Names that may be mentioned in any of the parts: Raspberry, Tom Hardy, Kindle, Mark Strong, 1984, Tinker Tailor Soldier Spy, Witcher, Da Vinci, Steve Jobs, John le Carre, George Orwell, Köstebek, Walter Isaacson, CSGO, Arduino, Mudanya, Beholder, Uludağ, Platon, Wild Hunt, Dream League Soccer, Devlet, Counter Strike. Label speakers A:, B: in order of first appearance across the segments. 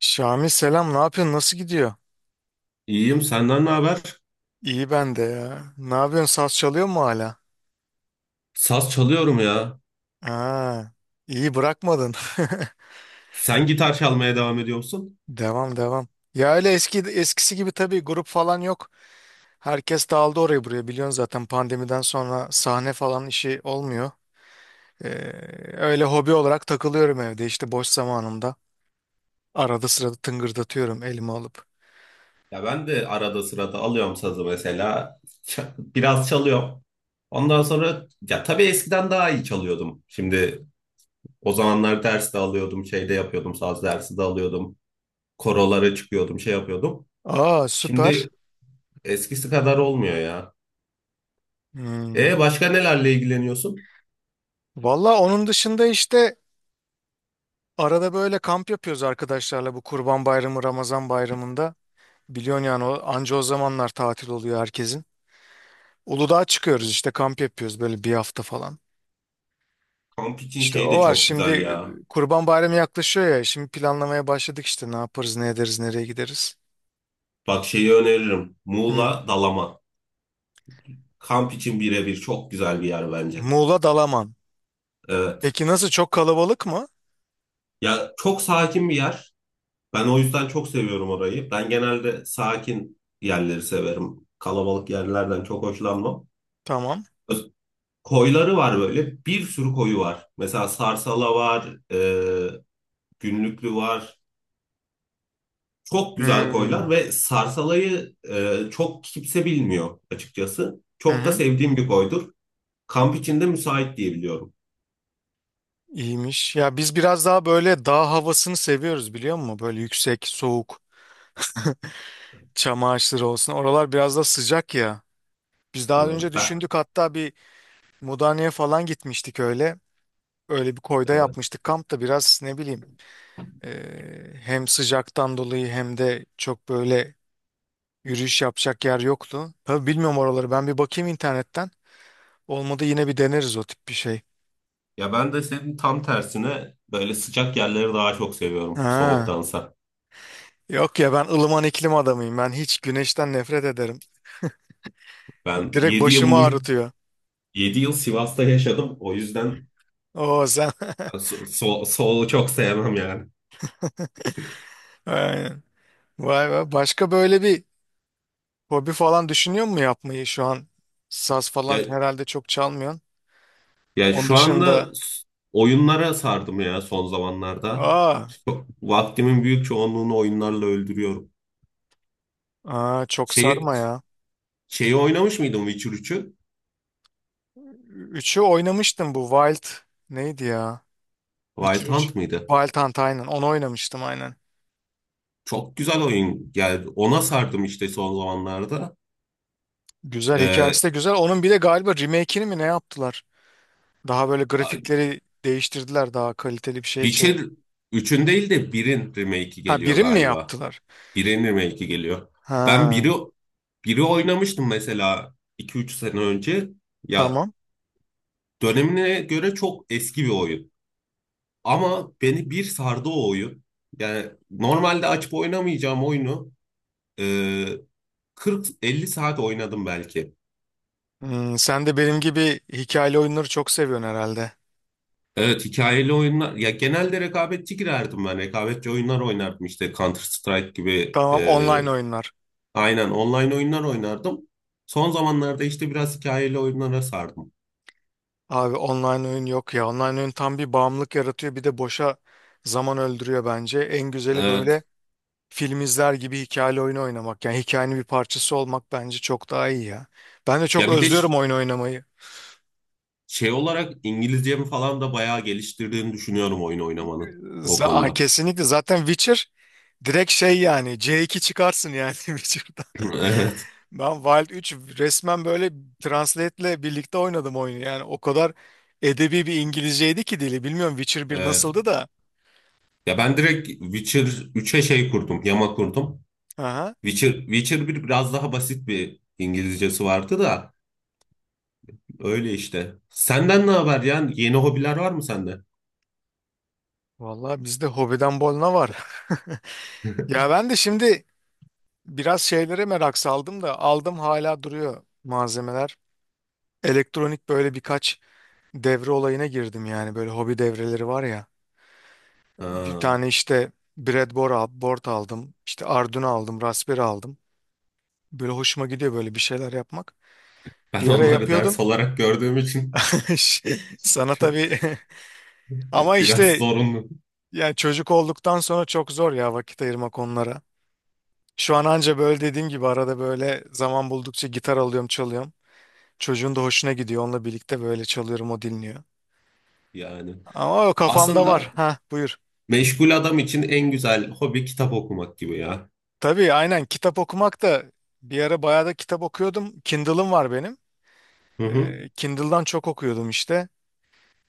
A: Şami selam ne yapıyorsun nasıl gidiyor?
B: İyiyim, senden ne haber?
A: İyi ben de ya. Ne yapıyorsun saz çalıyor mu hala?
B: Saz çalıyorum ya.
A: Aa, iyi bırakmadın.
B: Sen gitar çalmaya devam ediyor musun?
A: Devam devam. Ya öyle eski eskisi gibi tabii grup falan yok. Herkes dağıldı oraya buraya biliyorsun zaten pandemiden sonra sahne falan işi olmuyor. Ee, öyle hobi olarak takılıyorum evde işte boş zamanımda. Arada sırada tıngırdatıyorum elime alıp.
B: Ya ben de arada sırada alıyorum sazı mesela. Biraz çalıyorum. Ondan sonra ya tabii eskiden daha iyi çalıyordum. Şimdi o zamanlar ders de alıyordum, şey de yapıyordum, saz dersi de alıyordum. Korolara çıkıyordum, şey yapıyordum.
A: Aa süper.
B: Şimdi eskisi kadar olmuyor ya.
A: Hmm.
B: E başka nelerle ilgileniyorsun?
A: Valla onun dışında işte arada böyle kamp yapıyoruz arkadaşlarla bu Kurban Bayramı, Ramazan Bayramı'nda. Biliyorsun yani o, anca o zamanlar tatil oluyor herkesin. Uludağ'a çıkıyoruz işte kamp yapıyoruz böyle bir hafta falan.
B: Kamp için
A: İşte
B: şey
A: o
B: de
A: var
B: çok
A: şimdi
B: güzel ya.
A: Kurban Bayramı yaklaşıyor ya şimdi planlamaya başladık işte ne yaparız ne ederiz nereye gideriz.
B: Bak şeyi öneririm.
A: Hmm.
B: Muğla Dalaman. Kamp için birebir çok güzel bir yer bence.
A: Muğla Dalaman.
B: Evet.
A: Peki nasıl çok kalabalık mı?
B: Ya çok sakin bir yer. Ben o yüzden çok seviyorum orayı. Ben genelde sakin yerleri severim. Kalabalık yerlerden çok hoşlanmam.
A: Tamam.
B: Öz- Koyları var böyle. Bir sürü koyu var. Mesela Sarsala var, Günlüklü var. Çok güzel koylar
A: Hmm.
B: ve Sarsala'yı çok kimse bilmiyor açıkçası.
A: Hı
B: Çok da
A: hı.
B: sevdiğim bir koydur. Kamp içinde müsait diye biliyorum.
A: İyiymiş. Ya biz biraz daha böyle dağ havasını seviyoruz biliyor musun? Böyle yüksek, soğuk. Çam ağaçları olsun. Oralar biraz da sıcak ya. Biz daha
B: Hı,
A: önce
B: Ben,
A: düşündük hatta bir Mudanya'ya falan gitmiştik öyle. Öyle bir koyda
B: e,
A: yapmıştık. Kamp da biraz ne bileyim e, hem sıcaktan dolayı hem de çok böyle yürüyüş yapacak yer yoktu. Tabii bilmiyorum oraları. Ben bir bakayım internetten. Olmadı yine bir deneriz o tip bir şey.
B: ya ben de senin tam tersine böyle sıcak yerleri daha çok seviyorum
A: Ha.
B: soğuktansa.
A: Yok ya ben ılıman iklim adamıyım. Ben hiç güneşten nefret ederim.
B: Ben
A: Direkt
B: 7
A: başımı
B: yıl
A: ağrıtıyor.
B: 7 yıl Sivas'ta yaşadım. O yüzden
A: Oo sen.
B: solu çok sevmem yani.
A: Aynen. Vay be. Başka böyle bir hobi falan düşünüyor mu yapmayı şu an? Saz
B: Ya,
A: falan herhalde çok çalmıyorsun. Onun
B: şu anda
A: dışında
B: oyunlara sardım ya son zamanlarda.
A: aa,
B: Vaktimin büyük çoğunluğunu oyunlarla öldürüyorum.
A: aa çok
B: Şeyi,
A: sarma ya.
B: şeyi oynamış mıydım Witcher üçü?
A: Üçü oynamıştım bu Wild neydi ya? Witcher
B: Wild
A: üç
B: Hunt mıydı?
A: Wild Hunt aynen onu oynamıştım aynen.
B: Çok güzel oyun geldi. Ona sardım işte son zamanlarda.
A: Güzel
B: Ee,
A: hikayesi de güzel. Onun bir de galiba remake'ini mi ne yaptılar? Daha böyle grafikleri değiştirdiler daha kaliteli bir şeye çevir.
B: Witcher üçün değil de birin remake'i
A: Ha
B: geliyor
A: birim mi
B: galiba.
A: yaptılar?
B: Birinin remake'i geliyor. Ben biri
A: Ha
B: biri oynamıştım mesela iki üç sene önce. Ya
A: tamam.
B: dönemine göre çok eski bir oyun. Ama beni bir sardı o oyun. Yani normalde açıp oynamayacağım oyunu e, 40-50 saat oynadım belki.
A: Hmm, sen de benim gibi hikayeli oyunları çok seviyorsun herhalde.
B: Evet hikayeli oyunlar ya genelde rekabetçi girerdim ben rekabetçi oyunlar oynardım işte Counter Strike gibi
A: Tamam, online oyunlar.
B: aynen online oyunlar oynardım. Son zamanlarda işte biraz hikayeli oyunlara sardım.
A: Abi online oyun yok ya. Online oyun tam bir bağımlılık yaratıyor. Bir de boşa zaman öldürüyor bence. En güzeli
B: E,
A: böyle film izler gibi hikayeli oyunu oynamak. Yani hikayenin bir parçası olmak bence çok daha iyi ya. Ben de çok
B: Ya bir de
A: özlüyorum oyun oynamayı.
B: şey olarak İngilizcemi falan da bayağı geliştirdiğini düşünüyorum oyun oynamanın o
A: Aa,
B: konuda.
A: kesinlikle zaten Witcher direkt şey yani C2 çıkarsın yani Witcher'da.
B: Evet,
A: Ben Wild 3 resmen böyle Translate'le birlikte oynadım oyunu. Yani o kadar edebi bir İngilizceydi ki dili. Bilmiyorum Witcher bir
B: evet.
A: nasıldı da.
B: Ya ben direkt Witcher üçe şey kurdum, yama kurdum.
A: Aha.
B: Witcher bir biraz daha basit bir İngilizcesi vardı da öyle işte. Senden ne haber yani? Yeni hobiler var mı sende?
A: Vallahi bizde hobiden bolna var. Ya ben de şimdi biraz şeylere merak saldım da aldım hala duruyor malzemeler. Elektronik böyle birkaç devre olayına girdim yani böyle hobi devreleri var ya. Bir
B: Ha,
A: tane işte board aldım. İşte Arduino aldım, Raspberry aldım. Böyle hoşuma gidiyor böyle bir şeyler yapmak.
B: Ben
A: Bir ara
B: onları ders
A: yapıyordum.
B: olarak gördüğüm için
A: Sana tabii ama
B: biraz
A: işte
B: zorunlu
A: yani çocuk olduktan sonra çok zor ya vakit ayırmak onlara. Şu an anca böyle dediğim gibi arada böyle zaman buldukça gitar alıyorum çalıyorum. Çocuğun da hoşuna gidiyor. Onunla birlikte böyle çalıyorum o dinliyor.
B: yani.
A: Ama o kafamda var.
B: Aslında
A: Ha, buyur.
B: meşgul adam için en güzel hobi kitap okumak gibi ya.
A: Tabii aynen kitap okumak da bir ara bayağı da kitap okuyordum. Kindle'ım var benim.
B: Hı hı.
A: Kindle'dan çok okuyordum işte.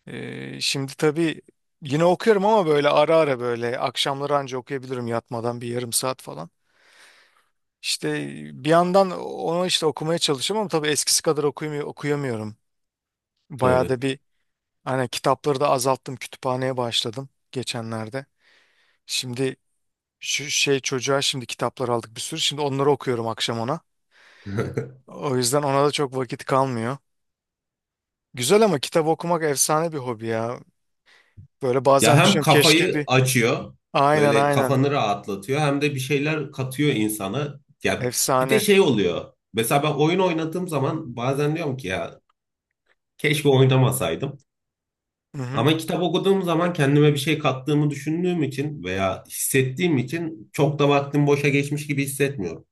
A: Şimdi tabii yine okuyorum ama böyle ara ara böyle akşamları anca okuyabilirim yatmadan bir yarım saat falan. İşte bir yandan onu işte okumaya çalışıyorum ama tabii eskisi kadar okuyamıyorum. Bayağı
B: Tabii.
A: da bir. Aynen, kitapları da azalttım. Kütüphaneye başladım geçenlerde. Şimdi şu şey çocuğa şimdi kitaplar aldık bir sürü. Şimdi onları okuyorum akşam ona. O yüzden ona da çok vakit kalmıyor. Güzel ama kitap okumak efsane bir hobi ya. Böyle
B: Ya
A: bazen
B: hem
A: düşünüyorum keşke
B: kafayı
A: bir...
B: açıyor,
A: Aynen
B: böyle
A: aynen.
B: kafanı rahatlatıyor hem de bir şeyler katıyor insana. Ya bir de
A: Efsane.
B: şey oluyor. Mesela ben oyun oynadığım zaman bazen diyorum ki ya keşke oynamasaydım.
A: Hı hı.
B: Ama kitap okuduğum zaman kendime bir şey kattığımı düşündüğüm için veya hissettiğim için çok da vaktim boşa geçmiş gibi hissetmiyorum.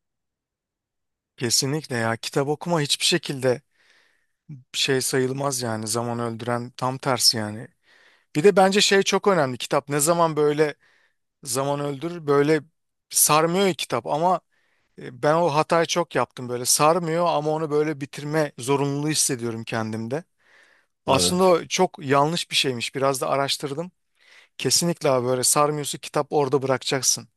A: Kesinlikle ya. Kitap okuma hiçbir şekilde şey sayılmaz yani. Zaman öldüren tam tersi yani. Bir de bence şey çok önemli. Kitap ne zaman böyle zaman öldürür böyle sarmıyor ya kitap ama ben o hatayı çok yaptım böyle sarmıyor ama onu böyle bitirme zorunluluğu hissediyorum kendimde. Aslında
B: Evet.
A: o çok yanlış bir şeymiş. Biraz da araştırdım. Kesinlikle abi böyle sarmıyorsa kitap orada bırakacaksın.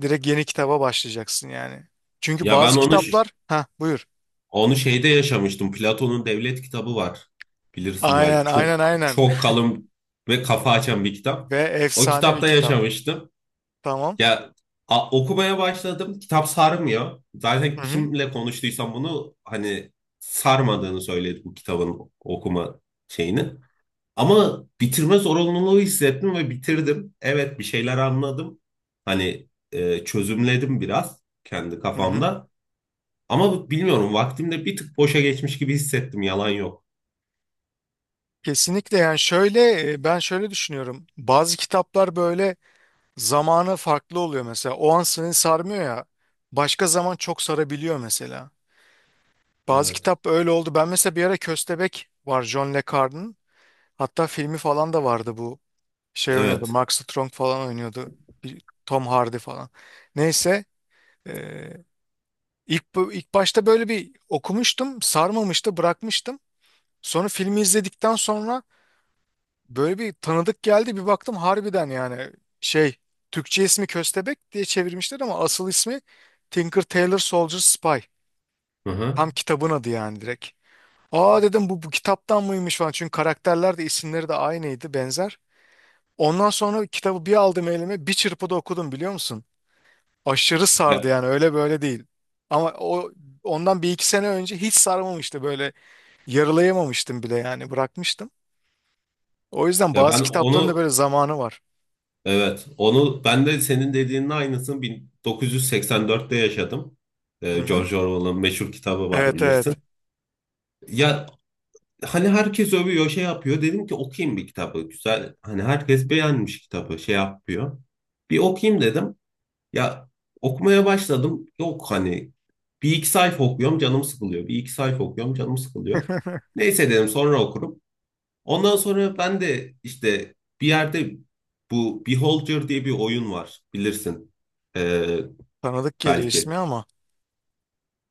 A: Direkt yeni kitaba başlayacaksın yani. Çünkü
B: Ya ben
A: bazı
B: onu
A: kitaplar ha buyur.
B: onu şeyde yaşamıştım. Platon'un Devlet kitabı var. Bilirsin belki.
A: Aynen
B: Çok
A: aynen aynen.
B: çok kalın ve kafa açan bir kitap.
A: Ve
B: O
A: efsane bir
B: kitapta
A: kitap.
B: yaşamıştım.
A: Tamam.
B: Ya okumaya başladım. Kitap sarmıyor. Zaten
A: Hı hı.
B: kimle konuştuysam bunu hani sarmadığını söyledi bu kitabın okuma şeyini. Ama bitirme zorunluluğu hissettim ve bitirdim. Evet bir şeyler anladım. Hani çözümledim biraz kendi
A: Hı hı.
B: kafamda. Ama bilmiyorum vaktimde bir tık boşa geçmiş gibi hissettim yalan yok.
A: Kesinlikle yani şöyle ben şöyle düşünüyorum. Bazı kitaplar böyle zamanı farklı oluyor mesela. O an seni sarmıyor ya. Başka zaman çok sarabiliyor mesela. Bazı
B: Evet.
A: kitap öyle oldu. Ben mesela bir ara Köstebek var, John le Carre'ın. Hatta filmi falan da vardı bu. Şey oynuyordu.
B: Evet.
A: Mark Strong falan oynuyordu. Tom Hardy falan. Neyse. eee, ilk, ilk başta böyle bir okumuştum. Sarmamıştı. Bırakmıştım. Sonra filmi izledikten sonra böyle bir tanıdık geldi bir baktım harbiden yani şey Türkçe ismi Köstebek diye çevirmişler ama asıl ismi Tinker Tailor Soldier Spy.
B: Hı hı.
A: Tam kitabın adı yani direkt. Aa dedim bu kitaptan mıymış falan çünkü karakterler de isimleri de aynıydı benzer. Ondan sonra kitabı bir aldım elime bir çırpıda okudum biliyor musun? Aşırı sardı
B: Ya,
A: yani öyle böyle değil. Ama o ondan bir iki sene önce hiç sarmamıştı böyle yarılayamamıştım bile yani bırakmıştım. O yüzden
B: ya
A: bazı
B: ben
A: kitapların da böyle
B: onu
A: zamanı var.
B: evet onu ben de senin dediğinin aynısını 1984'te yaşadım.
A: Hı hı.
B: George Orwell'ın meşhur kitabı var
A: Evet evet.
B: bilirsin. Ya hani herkes övüyor şey yapıyor. Dedim ki okuyayım bir kitabı. Güzel. Hani herkes beğenmiş kitabı şey yapıyor. Bir okuyayım dedim. Ya okumaya başladım. Yok hani bir iki sayfa okuyorum canım sıkılıyor. Bir iki sayfa okuyorum canım sıkılıyor. Neyse dedim sonra okurum. Ondan sonra ben de işte bir yerde bu Beholder diye bir oyun var bilirsin. Ee,
A: Tanıdık geliyor ismi
B: belki.
A: ama.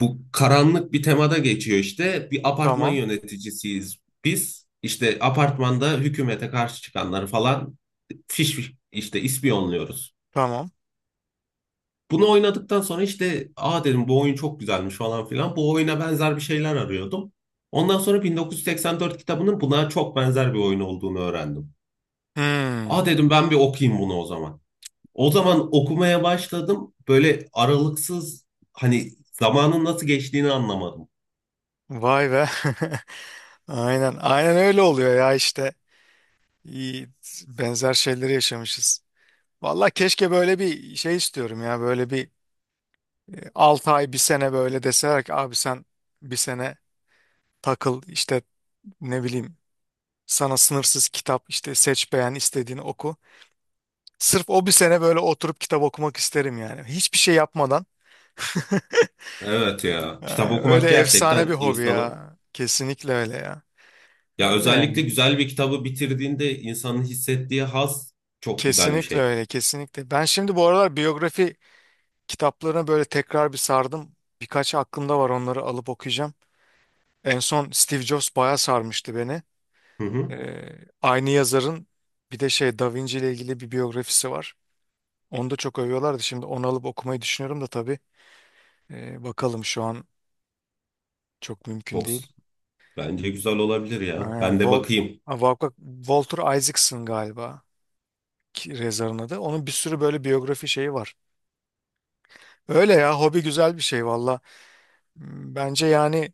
B: Bu karanlık bir temada geçiyor işte. Bir apartman
A: Tamam.
B: yöneticisiyiz biz. İşte apartmanda hükümete karşı çıkanları falan fiş fiş işte ispiyonluyoruz.
A: Tamam.
B: Bunu oynadıktan sonra işte aa dedim bu oyun çok güzelmiş falan filan. Bu oyuna benzer bir şeyler arıyordum. Ondan sonra 1984 kitabının buna çok benzer bir oyun olduğunu öğrendim. Aa
A: Hmm.
B: dedim ben bir okuyayım bunu o zaman. O zaman okumaya başladım. Böyle aralıksız hani zamanın nasıl geçtiğini anlamadım.
A: Vay be. Aynen. Aynen öyle oluyor ya işte. İyi, benzer şeyleri yaşamışız. Vallahi keşke böyle bir şey istiyorum ya. Böyle bir 6 ay bir sene böyle deseler ki abi sen bir sene takıl işte ne bileyim sana sınırsız kitap işte seç beğen istediğini oku. Sırf o bir sene böyle oturup kitap okumak isterim yani. Hiçbir şey yapmadan.
B: Evet ya. Kitap
A: Ha, öyle
B: okumak
A: efsane bir
B: gerçekten
A: hobi
B: insanı
A: ya. Kesinlikle öyle ya.
B: ya
A: Öyle
B: özellikle
A: yani.
B: güzel bir kitabı bitirdiğinde insanın hissettiği haz çok güzel bir
A: Kesinlikle
B: şey.
A: öyle, kesinlikle. Ben şimdi bu aralar biyografi kitaplarına böyle tekrar bir sardım. Birkaç aklımda var onları alıp okuyacağım. En son Steve Jobs bayağı sarmıştı beni.
B: Hı hı.
A: Aynı yazarın bir de şey Da Vinci ile ilgili bir biyografisi var. Onu da çok övüyorlardı. Şimdi onu alıp okumayı düşünüyorum da tabii. Bakalım şu an çok mümkün
B: Çok
A: değil.
B: bence güzel olabilir ya.
A: Ee,
B: Ben de
A: Wal-
B: bakayım.
A: Ha, Walter Isaacson galiba. Rezar'ın adı. Onun bir sürü böyle biyografi şeyi var. Öyle ya hobi güzel bir şey valla. Bence yani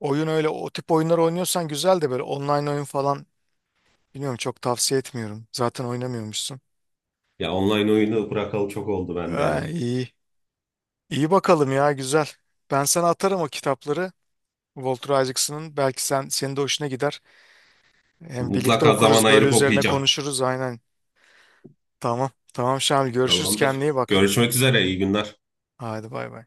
A: oyun öyle o tip oyunlar oynuyorsan güzel de böyle online oyun falan bilmiyorum çok tavsiye etmiyorum. Zaten oynamıyormuşsun.
B: Ya online oyunu bırakalı çok oldu bende
A: Ha,
B: ya.
A: iyi. İyi bakalım ya güzel. Ben sana atarım o kitapları. Walter Isaacson'ın. Belki sen senin de hoşuna gider. Hem birlikte
B: Mutlaka zaman
A: okuruz böyle
B: ayırıp
A: üzerine
B: okuyacağım.
A: konuşuruz aynen. Tamam. Tamam Şamil, görüşürüz, kendine
B: Tamamdır.
A: iyi bak.
B: Görüşmek üzere. İyi günler.
A: Hadi bay bay.